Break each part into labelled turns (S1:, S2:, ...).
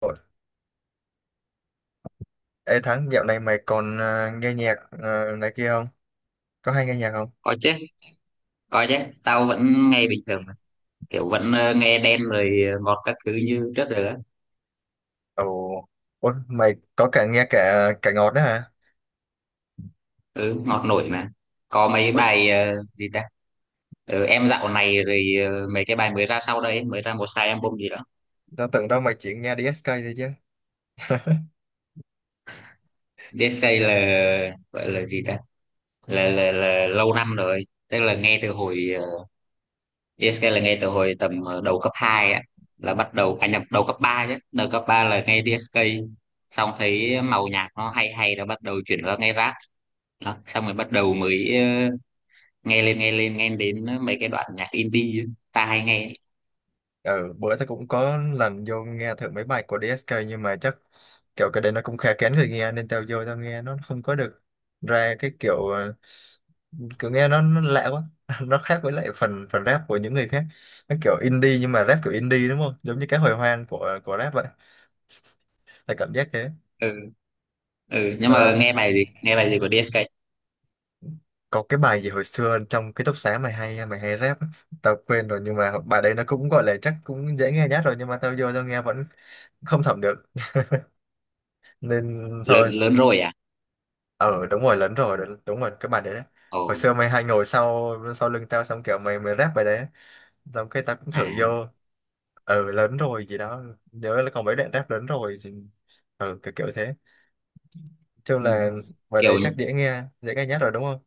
S1: Ủa, ê Thắng, dạo này mày còn nghe nhạc này kia không? Có hay nghe nhạc không?
S2: Có chứ, có chứ, tao vẫn nghe bình thường mà. Kiểu vẫn nghe Đen rồi ngọt các thứ như trước rồi á.
S1: Ồ. Ủa, mày có cả nghe cả cả ngọt đó hả?
S2: Ừ, ngọt nổi mà. Có mấy
S1: Ủa,
S2: bài gì ta. Ừ, em dạo này rồi mấy cái bài mới ra sau đây mới ra một hai album gì đó.
S1: tao tưởng đâu mày chỉ nghe DSK thôi chứ.
S2: DSK là gọi là gì ta, là lâu năm rồi, tức là nghe từ hồi. Ờ, DSK là nghe từ hồi tầm đầu cấp 2 á. Là bắt đầu à nhập đầu cấp ba, chứ đầu cấp 3 là nghe DSK. Xong thấy màu nhạc nó hay hay là bắt đầu chuyển qua nghe rap. Đó xong rồi bắt đầu mới nghe lên nghe đến mấy cái đoạn nhạc indie ấy. Ta hay nghe ấy.
S1: Ừ, bữa tao cũng có lần vô nghe thử mấy bài của DSK nhưng mà chắc kiểu cái đấy nó cũng khá kén người nghe nên tao vô tao nghe nó không có được ra cái kiểu, nghe nó lạ quá. Nó khác với lại phần phần rap của những người khác. Nó kiểu indie nhưng mà rap kiểu indie đúng không? Giống như cái hồi hoang của rap vậy. Tao cảm giác thế.
S2: Ừ, ừ, nhưng mà
S1: Ờ,
S2: nghe bài gì của DSK.
S1: có cái bài gì hồi xưa trong ký túc xá mày hay rap á. Tao quên rồi nhưng mà bài đấy nó cũng gọi là chắc cũng dễ nghe nhất rồi nhưng mà tao vô tao nghe vẫn không thẩm được nên
S2: Lớn
S1: thôi.
S2: lớn rồi à.
S1: Ờ đúng rồi, lấn rồi, đúng đúng rồi, cái bài đấy đấy.
S2: Ồ.
S1: Hồi xưa mày hay ngồi sau sau lưng tao xong kiểu mày mày rap bài đấy xong cái tao cũng thử vô.
S2: À.
S1: Ừ lớn rồi gì đó, nhớ là còn mấy đoạn rap ừ kiểu kiểu thế, chung
S2: Ừ.
S1: là bài
S2: Kiểu.
S1: đấy chắc dễ nghe nhất rồi đúng không.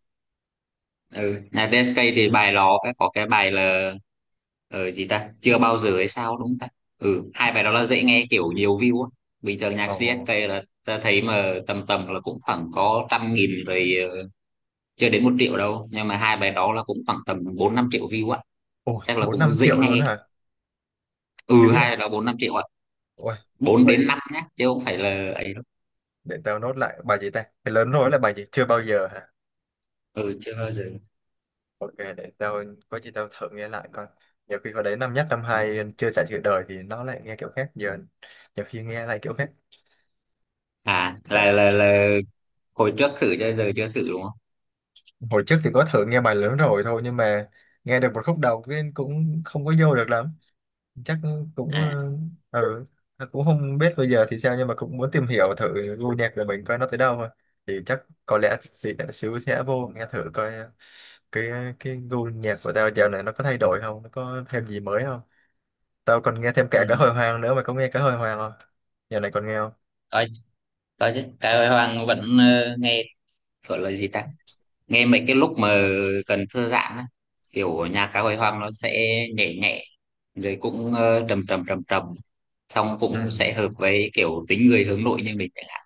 S2: Ừ, nhà DSK thì bài nó phải có cái bài là, gì ta, chưa bao giờ hay sao đúng không ta. Ừ, hai bài đó là dễ nghe kiểu nhiều view á. Bình thường nhạc
S1: Ồ.
S2: CSK là ta thấy mà tầm tầm là cũng khoảng có 100.000 rồi, chưa đến 1 triệu đâu, nhưng mà hai bài đó là cũng khoảng tầm bốn năm triệu view á.
S1: Ồ,
S2: Chắc là
S1: bốn
S2: cũng
S1: năm
S2: dễ
S1: triệu luôn
S2: nghe.
S1: hả,
S2: Ừ,
S1: dữ vậy.
S2: hay là bốn năm triệu ạ.
S1: Ôi,
S2: Bốn
S1: vậy
S2: đến năm nhé, chứ không phải là ấy đâu.
S1: để tao nốt lại bài gì ta, cái lớn rối là bài gì, chưa bao giờ hả.
S2: Ừ, chưa bao giờ.
S1: OK, để tao, có gì tao thử nghe lại coi. Nhiều khi hồi đấy năm nhất năm hai chưa trải sự đời thì nó lại nghe kiểu khác giờ, nhiều khi nghe lại kiểu khác.
S2: À, là là
S1: Thật-
S2: là hồi trước thử cho giờ chưa thử đúng không.
S1: hồi trước thì có thử nghe bài lớn rồi thôi nhưng mà nghe được một khúc đầu cái cũng không có vô được lắm. chắc cũng
S2: À.
S1: ờ, ừ, cũng không biết bây giờ thì sao nhưng mà cũng muốn tìm hiểu thử gu nhạc của mình coi nó tới đâu thôi. Thì chắc có lẽ chị đã xíu sẽ vô nghe thử coi, cái cái gu nhạc của tao dạo này nó có thay đổi không, nó có thêm gì mới không. Tao còn nghe thêm
S2: Ừ.
S1: cả cá hồi hoang nữa, mày có nghe cá hồi hoang không, dạo này còn nghe không.
S2: có, có chứ, cái Hoàng vẫn nghe. Gọi là gì ta, nghe mấy cái lúc mà cần thư giãn á. Kiểu nhạc Cá Hồi Hoang nó sẽ nhẹ nhẹ rồi cũng trầm trầm. Xong
S1: Ừ.
S2: cũng sẽ hợp với kiểu tính người hướng nội như mình chẳng hạn.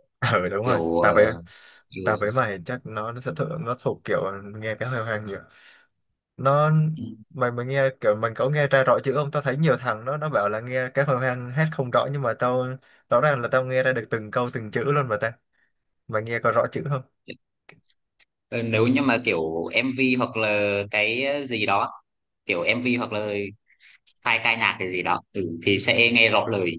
S1: Ừ đúng rồi,
S2: Kiểu.
S1: tao
S2: Ờ,
S1: với tao với mày chắc nó sẽ thuộc, nó thuộc kiểu nghe cá hồi hoang nhiều. Nó,
S2: ừ.
S1: mày mày nghe kiểu mình có nghe ra rõ chữ không, tao thấy nhiều thằng nó bảo là nghe cái hồi hoang hát không rõ nhưng mà tao rõ ràng là tao nghe ra được từng câu từng chữ luôn mà ta. Mày nghe có rõ chữ không.
S2: Ờ, nếu như mà kiểu MV hoặc là cái, gì đó, kiểu MV hoặc là hai ca nhạc cái gì đó, ừ, thì sẽ nghe rõ lời.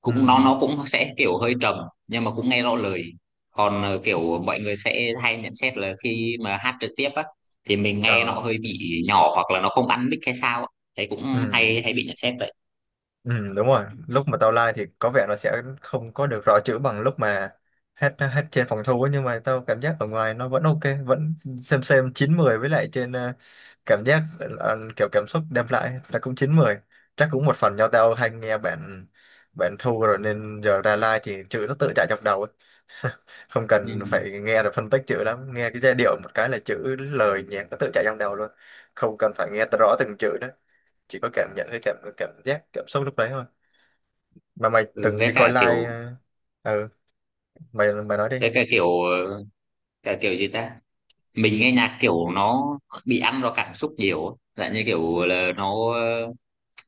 S2: Cũng nó
S1: Ừ.
S2: nó cũng sẽ kiểu hơi trầm, nhưng mà cũng nghe rõ lời. Còn kiểu mọi người sẽ hay nhận xét là khi mà hát trực tiếp á, thì mình nghe nó
S1: Ờ.
S2: hơi bị nhỏ hoặc là nó không ăn mic hay sao á. Đấy
S1: Ừ.
S2: cũng hay hay bị nhận xét đấy.
S1: Ừ, đúng rồi, lúc mà tao like thì có vẻ nó sẽ không có được rõ chữ bằng lúc mà hát hát trên phòng thu ấy, nhưng mà tao cảm giác ở ngoài nó vẫn ok, vẫn xem chín mười, với lại trên cảm giác kiểu cảm xúc đem lại là cũng chín mười. Chắc cũng một phần do tao hay nghe bản bản thu rồi nên giờ ra like thì chữ nó tự chạy trong đầu ấy. Không
S2: Ừ.
S1: cần phải nghe rồi phân tích chữ lắm, nghe cái giai điệu một cái là chữ lời nhạc nó tự chạy trong đầu luôn, không cần phải nghe rõ từng chữ đó, chỉ có cảm nhận cái cảm cảm giác cảm xúc lúc đấy thôi. Mà mày
S2: Ừ,
S1: từng đi coi live. ờ, ừ mày mày nói đi.
S2: với cả kiểu ờ, cả kiểu gì ta, mình nghe nhạc kiểu nó bị ăn vào cảm xúc nhiều á. Dạng như kiểu là nó,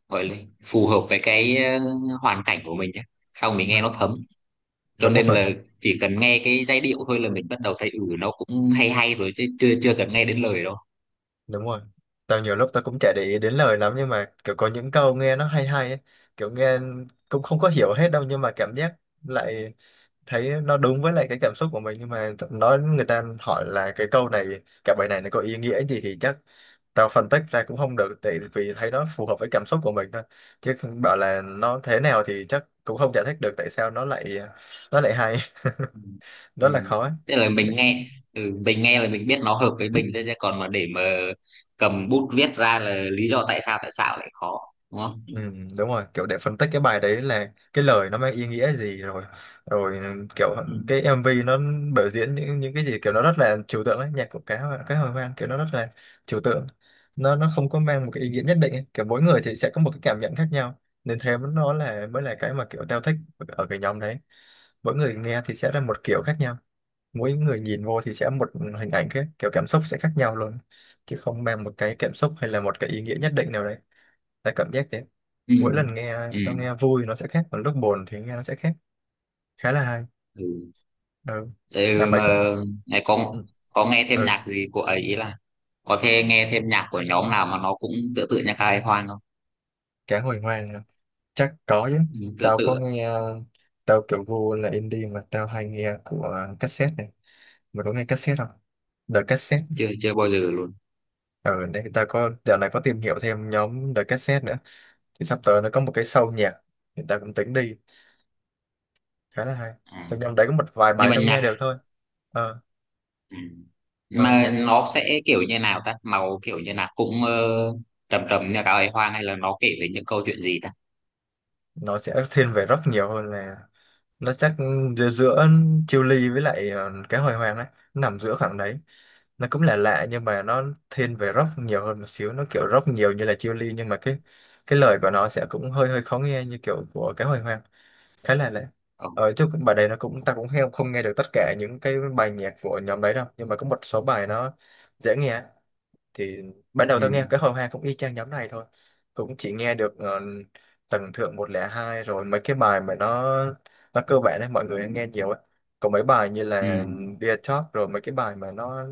S2: gọi là phù hợp với cái, hoàn cảnh của mình nhé, sau mình nghe nó
S1: Ừ
S2: thấm. Cho
S1: đúng
S2: nên
S1: rồi,
S2: là chỉ cần nghe cái giai điệu thôi là mình bắt đầu thấy ừ nó cũng hay hay rồi, chứ chưa chưa cần nghe đến lời đâu.
S1: đúng rồi, tao nhiều lúc tao cũng chả để ý đến lời lắm nhưng mà kiểu có những câu nghe nó hay hay ấy. Kiểu nghe cũng không có hiểu hết đâu nhưng mà cảm giác lại thấy nó đúng với lại cái cảm xúc của mình, nhưng mà nói người ta hỏi là cái câu này, cái bài này nó có ý nghĩa gì thì chắc tao phân tích ra cũng không được, tại vì thấy nó phù hợp với cảm xúc của mình thôi, chứ không bảo là nó thế nào thì chắc cũng không giải thích được tại sao nó lại hay.
S2: Ừ. Ừ,
S1: Rất là khó ấy.
S2: tức là mình nghe, ừ, mình nghe là mình biết nó hợp với mình thôi, chứ còn mà để mà cầm bút viết ra là lý do tại sao lại khó, đúng không.
S1: Ừ, đúng rồi, kiểu để phân tích cái bài đấy là cái lời nó mang ý nghĩa gì rồi, rồi kiểu
S2: Ừ.
S1: cái MV nó biểu diễn những cái gì, kiểu nó rất là trừu tượng ấy, nhạc của cá hồi hoang kiểu nó rất là trừu tượng, nó không có mang một cái ý nghĩa nhất định ấy. Kiểu mỗi người thì sẽ có một cái cảm nhận khác nhau nên nó mới là cái mà kiểu tao thích ở cái nhóm đấy. Mỗi người nghe thì sẽ là một kiểu khác nhau, mỗi người nhìn vô thì sẽ một hình ảnh khác, kiểu cảm xúc sẽ khác nhau luôn, chứ không mang một cái cảm xúc hay là một cái ý nghĩa nhất định nào đấy, tại cảm giác thế.
S2: Ừ.
S1: Mỗi lần nghe
S2: Ừ.
S1: tao nghe vui nó sẽ khác, còn lúc buồn thì nghe nó sẽ khác, khá là hay.
S2: Ừ.
S1: Ừ. Mà
S2: Ừ,
S1: mày
S2: mà
S1: còn.
S2: này có
S1: ừ,
S2: có nghe thêm
S1: ừ.
S2: nhạc gì của ấy, ý là có thể nghe thêm nhạc của nhóm nào mà nó cũng tựa tựa nhạc Hai Hoang không?
S1: Cá hồi hoang hả? Chắc có chứ,
S2: Ừ, tựa
S1: tao có
S2: tựa.
S1: nghe, tao kiểu gu là indie mà tao hay nghe của cassette này. Mày có nghe cassette không, The Cassette.
S2: Chưa chưa bao giờ luôn.
S1: Ở đây ta có dạo này có tìm hiểu thêm nhóm The Cassette nữa, thì sắp tới nó có một cái show nhạc thì ta cũng tính đi, khá là hay.
S2: À.
S1: Trong nhóm đấy có một vài
S2: Nhưng
S1: bài
S2: mà
S1: tao nghe
S2: nhạc,
S1: được thôi. ờ,
S2: ừ. Nhưng
S1: ờ,
S2: mà
S1: nhạc
S2: nó sẽ kiểu như nào ta? Màu kiểu như nào, cũng trầm trầm như cả ấy Hoang hay là nó kể về những câu chuyện gì ta?
S1: nó sẽ thiên về rock nhiều hơn là, nó chắc giữa Chiêu Ly với lại cái hồi hoàng ấy, nó nằm giữa khoảng đấy, nó cũng là lạ nhưng mà nó thiên về rock nhiều hơn một xíu, nó kiểu rock nhiều như là Chiêu Ly nhưng mà cái lời của nó sẽ cũng hơi hơi khó nghe như kiểu của cái hồi hoàng, khá là lạ.
S2: Ừ.
S1: Bài đấy nó cũng, ta cũng không không nghe được tất cả những cái bài nhạc của nhóm đấy đâu, nhưng mà có một số bài nó dễ nghe, thì ban đầu
S2: Ừ.
S1: tao nghe cái hồi hoa cũng y chang nhóm này thôi, cũng chỉ nghe được Tầng Thượng 102 rồi mấy cái bài mà nó cơ bản đấy, mọi người nghe nhiều ấy. Còn mấy bài như
S2: Ừ.
S1: là Dear Talk, rồi mấy cái bài mà nó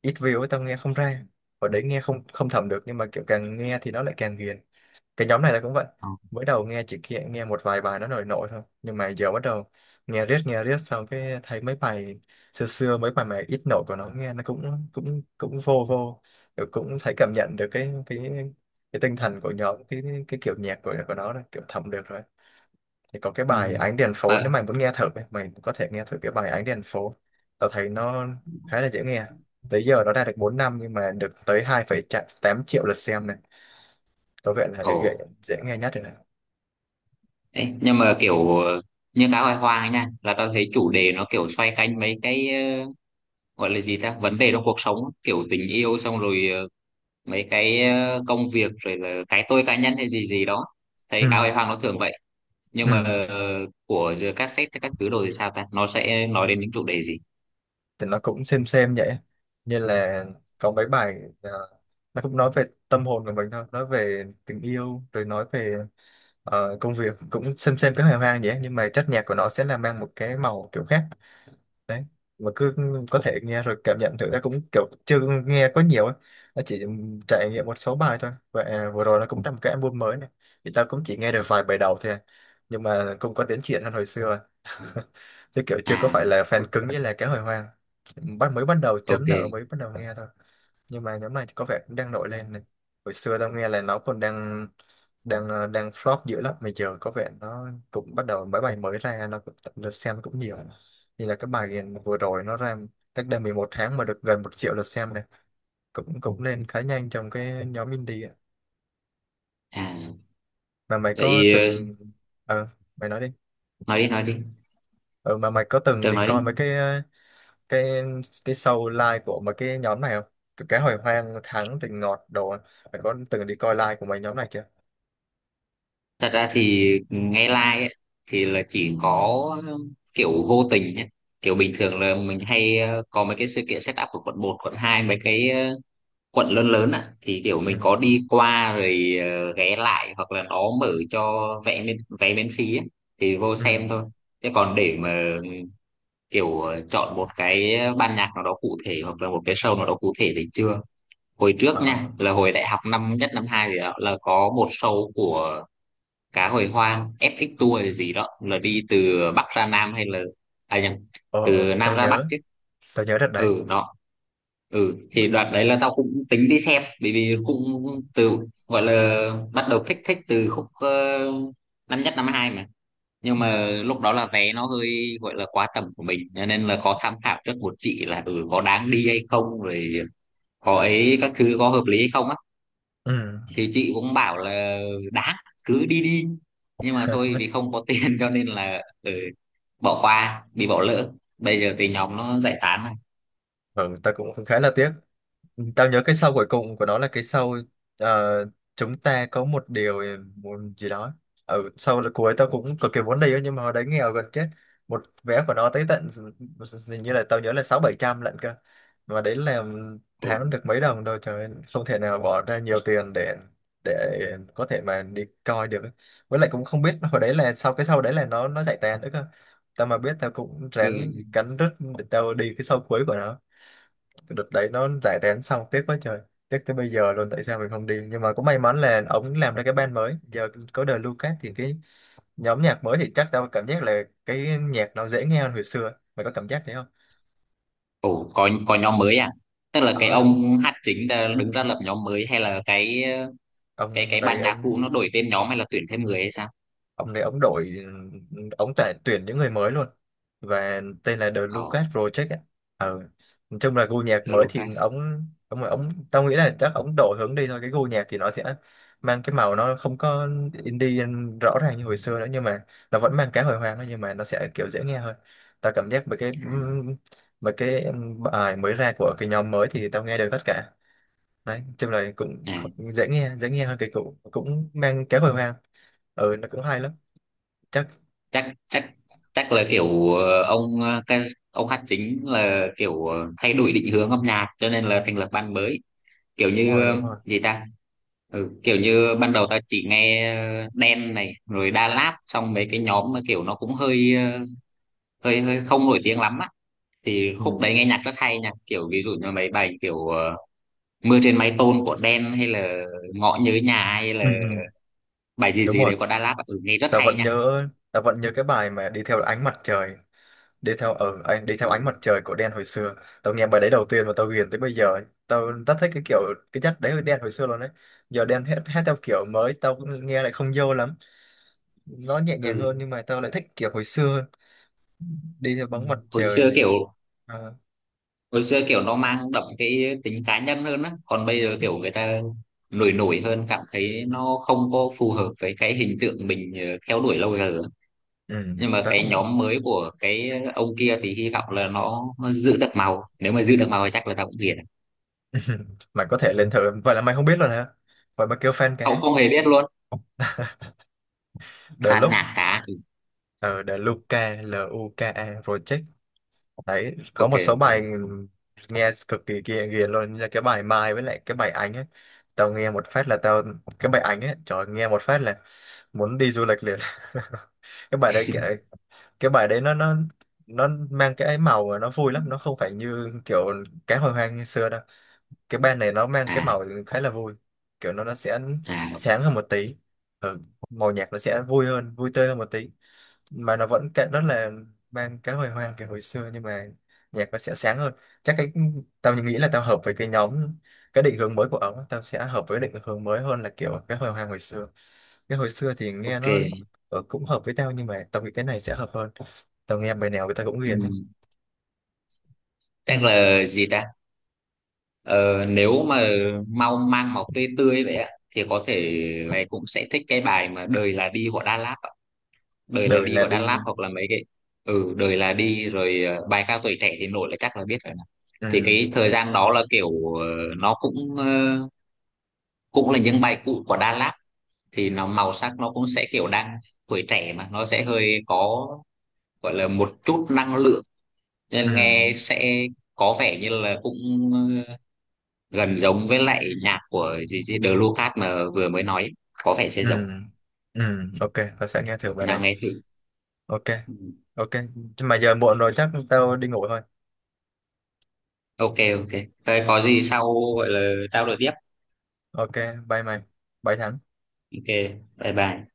S1: ít view ấy tao nghe không ra, hồi đấy nghe không không thẩm được, nhưng mà kiểu càng nghe thì nó lại càng ghiền. Cái nhóm này là cũng vậy,
S2: Ờ.
S1: mới đầu nghe chỉ kia nghe một vài bài nó nổi nổi thôi, nhưng mà giờ bắt đầu nghe riết xong cái thấy mấy bài xưa xưa mấy bài mà ít nổi của nó nghe nó cũng cũng cũng vô vô. Kiểu cũng thấy cảm nhận được cái tinh thần của nhóm, cái kiểu nhạc của nó rồi, kiểu thẩm được rồi. Thì có cái bài
S2: Ừ.
S1: Ánh Đèn Phố, nếu
S2: Mà.
S1: mày muốn nghe thử mày có thể nghe thử cái bài Ánh Đèn Phố, tao thấy nó khá là dễ nghe. Tới giờ nó ra được 4 năm nhưng mà được tới hai phẩy tám triệu lượt xem này, có vẻ là
S2: Ồ.
S1: cái dễ dễ nghe nhất rồi.
S2: Đấy, nhưng mà kiểu như Cá Hồi Hoang ấy nha, là tao thấy chủ đề nó kiểu xoay quanh mấy cái, gọi là gì ta, vấn đề trong cuộc sống, kiểu tình yêu xong rồi mấy cái công việc rồi là cái tôi cá nhân hay gì gì đó.
S1: Ừ,
S2: Thấy Cá Hồi Hoàng nó thường vậy. Nhưng mà
S1: ừ,
S2: của giữa cassette các thứ đồ thì sao ta, nó sẽ nói đến những chủ đề gì?
S1: thì nó cũng xem vậy, như là có mấy bài à, nó cũng nói về tâm hồn của mình thôi, nói về tình yêu, rồi nói về công việc, cũng xem cái hài hoang vậy, nhưng mà chất nhạc của nó sẽ là mang một cái màu kiểu khác. Đấy, mà cứ có thể nghe rồi cảm nhận thử, ta cũng kiểu chưa nghe có nhiều ấy, nó chỉ trải nghiệm một số bài thôi, và à, vừa rồi nó cũng ra một cái album mới này, thì tao cũng chỉ nghe được vài bài đầu thôi à. Nhưng mà cũng có tiến triển hơn hồi xưa. Chứ kiểu chưa
S2: À.
S1: có phải là fan
S2: o-
S1: cứng như là cái hồi hoang, mới bắt đầu chấm
S2: ok.
S1: nợ, mới bắt đầu nghe thôi. Nhưng mà nhóm này thì có vẻ cũng đang nổi lên này. Hồi xưa tao nghe là nó còn đang đang ờ, đang flop dữ lắm, mà giờ có vẻ nó cũng bắt đầu mấy bài mới ra nó cũng lượt xem cũng nhiều, như là cái bài vừa rồi nó ra cách đây 11 tháng mà được gần 1 triệu lượt xem này, cũng cũng lên khá nhanh trong cái nhóm indie ạ.
S2: À
S1: Mà mày có
S2: vậy,
S1: từng ờ mày nói đi.
S2: nói đi, nói đi.
S1: Ờ mà mày có từng
S2: Trường
S1: đi
S2: nói
S1: coi mấy
S2: đi.
S1: cái cái cái show live của mấy cái nhóm này không, cái hồi hoang thắng rình ngọt đồ á? Mày có từng đi coi live của mấy nhóm này chưa?
S2: Thật ra thì nghe like ấy, thì là chỉ có, ờ, kiểu vô tình nhé, kiểu bình thường là mình hay có mấy cái sự kiện setup của quận một quận hai, mấy cái quận lớn lớn ạ, thì kiểu
S1: Ừ,
S2: mình có đi qua rồi ghé lại, hoặc là nó mở cho vé miễn phí ấy, thì vô
S1: ừ,
S2: xem thôi. Thế còn để mà kiểu chọn một cái ban nhạc nào đó cụ thể hoặc là một cái show nào đó cụ thể thì chưa. Hồi trước nha,
S1: ờ
S2: là hồi đại học năm nhất năm hai thì đó, là có một show của Cá Hồi Hoang FX tour hay gì đó là đi từ Bắc ra Nam, hay là, à nhầm,
S1: ờ
S2: từ
S1: tao
S2: Nam ra Bắc
S1: nhớ,
S2: chứ.
S1: tao nhớ đợt đấy.
S2: Ừ đó. Ừ, thì đoạn đấy là tao cũng tính đi xem, bởi vì cũng từ, gọi là bắt đầu thích thích từ khúc, năm nhất năm hai mà. Nhưng mà
S1: Ừ,
S2: lúc đó là vé nó hơi, gọi là quá tầm của mình, cho nên là có tham khảo trước một chị là ừ có đáng đi hay không rồi, có ấy các thứ có hợp lý hay không á.
S1: ừ.
S2: Thì chị cũng bảo là đáng, cứ đi đi, nhưng mà thôi vì không có tiền cho nên là, ừ, bỏ qua, bị bỏ lỡ. Bây giờ thì nhóm nó giải tán rồi.
S1: Ừ, tao cũng khá là tiếc. Tao nhớ cái sau cuối cùng của nó là cái sau ờ, chúng ta có một điều, một gì đó. Ở sau là cuối tao cũng cực kỳ muốn đi á, nhưng mà hồi đấy nghèo gần chết. Một vé của nó tới tận hình như là tao nhớ là sáu bảy trăm lận cơ. Mà đấy là
S2: Ừ,
S1: tháng được mấy đồng đâu trời ơi, không thể nào bỏ ra nhiều tiền để có thể mà đi coi được ấy. Với lại cũng không biết hồi đấy là sau cái sau đấy là nó giải tán nữa cơ. Tao mà biết tao cũng ráng
S2: ừ.
S1: cắn rứt để tao đi cái sau cuối của nó. Cái đợt đấy nó giải tán xong tiếc quá trời, tiếc tới bây giờ luôn, tại sao mình không đi. Nhưng mà cũng may mắn là ông làm ra cái band mới, giờ có đời Lucas thì cái nhóm nhạc mới thì chắc tao cảm giác là cái nhạc nó dễ nghe hơn hồi xưa, mày có cảm giác thế không?
S2: Ừ, có nhóm mới à, tức là cái
S1: Ờ đúng không?
S2: ông hát chính đã đứng ra lập nhóm mới, hay là cái cái
S1: Ông
S2: cái
S1: đấy
S2: ban nhạc
S1: ấn,
S2: cũ nó đổi tên nhóm hay là tuyển thêm người hay sao?
S1: ông này ông đổi, ông tại tuyển những người mới luôn, và tên là The
S2: Ồ,
S1: Lucas Project ấy. Ờ. Nói chung là gu nhạc
S2: The
S1: mới thì
S2: Lucas.
S1: ông tao nghĩ là chắc ông đổi hướng đi thôi, cái gu nhạc thì nó sẽ mang cái màu, nó không có indie rõ ràng như hồi xưa nữa, nhưng mà nó vẫn mang cái hồi hoang thôi, nhưng mà nó sẽ kiểu dễ nghe hơn. Tao cảm giác về cái
S2: Ừ.
S1: mấy cái bài mới ra của cái nhóm mới thì tao nghe được tất cả đấy. Nói chung là cũng
S2: À,
S1: dễ nghe, dễ nghe hơn cái cũ, cũng mang cái hồi hoang. Ừ nó cũng hay lắm. Chắc.
S2: chắc chắc chắc là kiểu ông, cái ông hát chính là kiểu thay đổi định hướng âm nhạc cho nên là thành lập ban mới, kiểu
S1: Đúng
S2: như
S1: rồi, đúng rồi.
S2: gì ta. Ừ, kiểu như ban đầu tao chỉ nghe Đen này rồi Đà Lạt, xong mấy cái nhóm mà kiểu nó cũng hơi hơi hơi không nổi tiếng lắm á, thì
S1: Ừ.
S2: khúc đấy nghe nhạc rất hay nha, kiểu ví dụ như mấy bài kiểu Mưa Trên Mái Tôn của Đen, hay là Ngõ Nhớ Nhà, hay là
S1: Ừ, ừ.
S2: bài gì
S1: Đúng
S2: gì
S1: rồi,
S2: đấy của Đà Lạt, ừ, nghe rất
S1: tớ
S2: hay
S1: vẫn
S2: nha.
S1: nhớ, tớ vẫn nhớ cái bài mà đi theo ánh mặt trời, đi theo ánh mặt
S2: Ừ.
S1: trời của Đen hồi xưa. Tao nghe bài đấy đầu tiên mà tao ghiền tới bây giờ. Tao rất thích cái kiểu, cái chất đấy của Đen hồi xưa luôn đấy. Giờ Đen hát, hát theo kiểu mới tao cũng nghe lại không vô lắm, nó nhẹ nhàng hơn,
S2: Ừ,
S1: nhưng mà tao lại thích kiểu hồi xưa hơn. Đi theo bóng mặt
S2: hồi
S1: trời
S2: xưa
S1: này.
S2: kiểu
S1: À,
S2: hồi xưa kiểu nó mang đậm cái tính cá nhân hơn á, còn bây giờ kiểu người ta nổi nổi hơn, cảm thấy nó không có phù hợp với cái hình tượng mình theo đuổi lâu giờ.
S1: ừ,
S2: Nhưng mà
S1: tao
S2: cái
S1: cũng.
S2: nhóm mới của cái ông kia thì hy vọng là nó giữ được màu, nếu mà giữ được màu thì chắc là tao cũng hiền.
S1: Mày có thể lên thử. Vậy là mày không biết rồi hả? Vậy mà kêu fan
S2: Không,
S1: cá.
S2: không hề biết luôn.
S1: The
S2: Phạt
S1: Look,
S2: nhạc cá thì
S1: ờ The Luca, LUKA Project đấy, có
S2: ok,
S1: một số
S2: ok.
S1: bài nghe cực kỳ kia ghiền luôn, như là cái bài Mai với lại cái bài Ánh ấy. Tao nghe một phát là tao, cái bài Ánh ấy trời ơi, nghe một phát là muốn đi du lịch liền. Cái bài đấy cái bài đấy nó nó mang cái ấy màu mà nó vui lắm, nó không phải như kiểu cá hồi hoang như xưa đâu. Cái ban này nó mang cái
S2: À.
S1: màu khá là vui, kiểu nó sẽ
S2: À.
S1: sáng hơn một tí. Ừ, màu nhạc nó sẽ vui hơn, vui tươi hơn một tí, mà nó vẫn cái- rất là mang cái hồi hoang kiểu hồi xưa, nhưng mà nhạc nó sẽ sáng hơn. Chắc cái, tao nghĩ là tao hợp với cái nhóm, cái định hướng mới của ổng, tao sẽ hợp với định hướng mới hơn là kiểu cái hồi hoang hồi xưa. Cái hồi xưa thì nghe nó,
S2: Ok.
S1: ừ, cũng hợp với tao, nhưng mà tao nghĩ cái này sẽ hợp hơn. Tao nghe bài nào người ta cũng
S2: Ừ,
S1: ghiền hết.
S2: chắc
S1: Ừ.
S2: là gì ta, ờ, nếu mà mau mang màu tươi tươi vậy á, thì có thể mày cũng sẽ thích cái bài mà Đời Là Đi của Đà Lạt. Đời Là
S1: Đời
S2: Đi
S1: là
S2: của Đà
S1: đi.
S2: Lạt hoặc là mấy cái. Ừ, Đời Là Đi rồi bài ca tuổi trẻ thì nổi là chắc là biết rồi nè. Thì
S1: Ừ.
S2: cái thời gian đó là kiểu, nó cũng là những bài cũ của Đà Lạt, thì nó màu sắc nó cũng sẽ kiểu đang tuổi trẻ mà nó sẽ hơi có, gọi là một chút năng lượng,
S1: Ừ.
S2: nên nghe sẽ có vẻ như là cũng ờ, gần giống với lại nhạc của gì gì The Lucas mà vừa mới nói ấy. Có vẻ sẽ
S1: Ừ,
S2: giống.
S1: ừ, ok, tao sẽ nghe thử bài
S2: Nào
S1: đấy.
S2: nghe thử.
S1: Ok,
S2: Ừ.
S1: ok. Nhưng mà giờ muộn rồi chắc tao đi ngủ thôi.
S2: Ok, ok. Thế có gì sau gọi là trao đổi tiếp,
S1: Ok, bye mày. Bye Thắng.
S2: ok. Bye bye.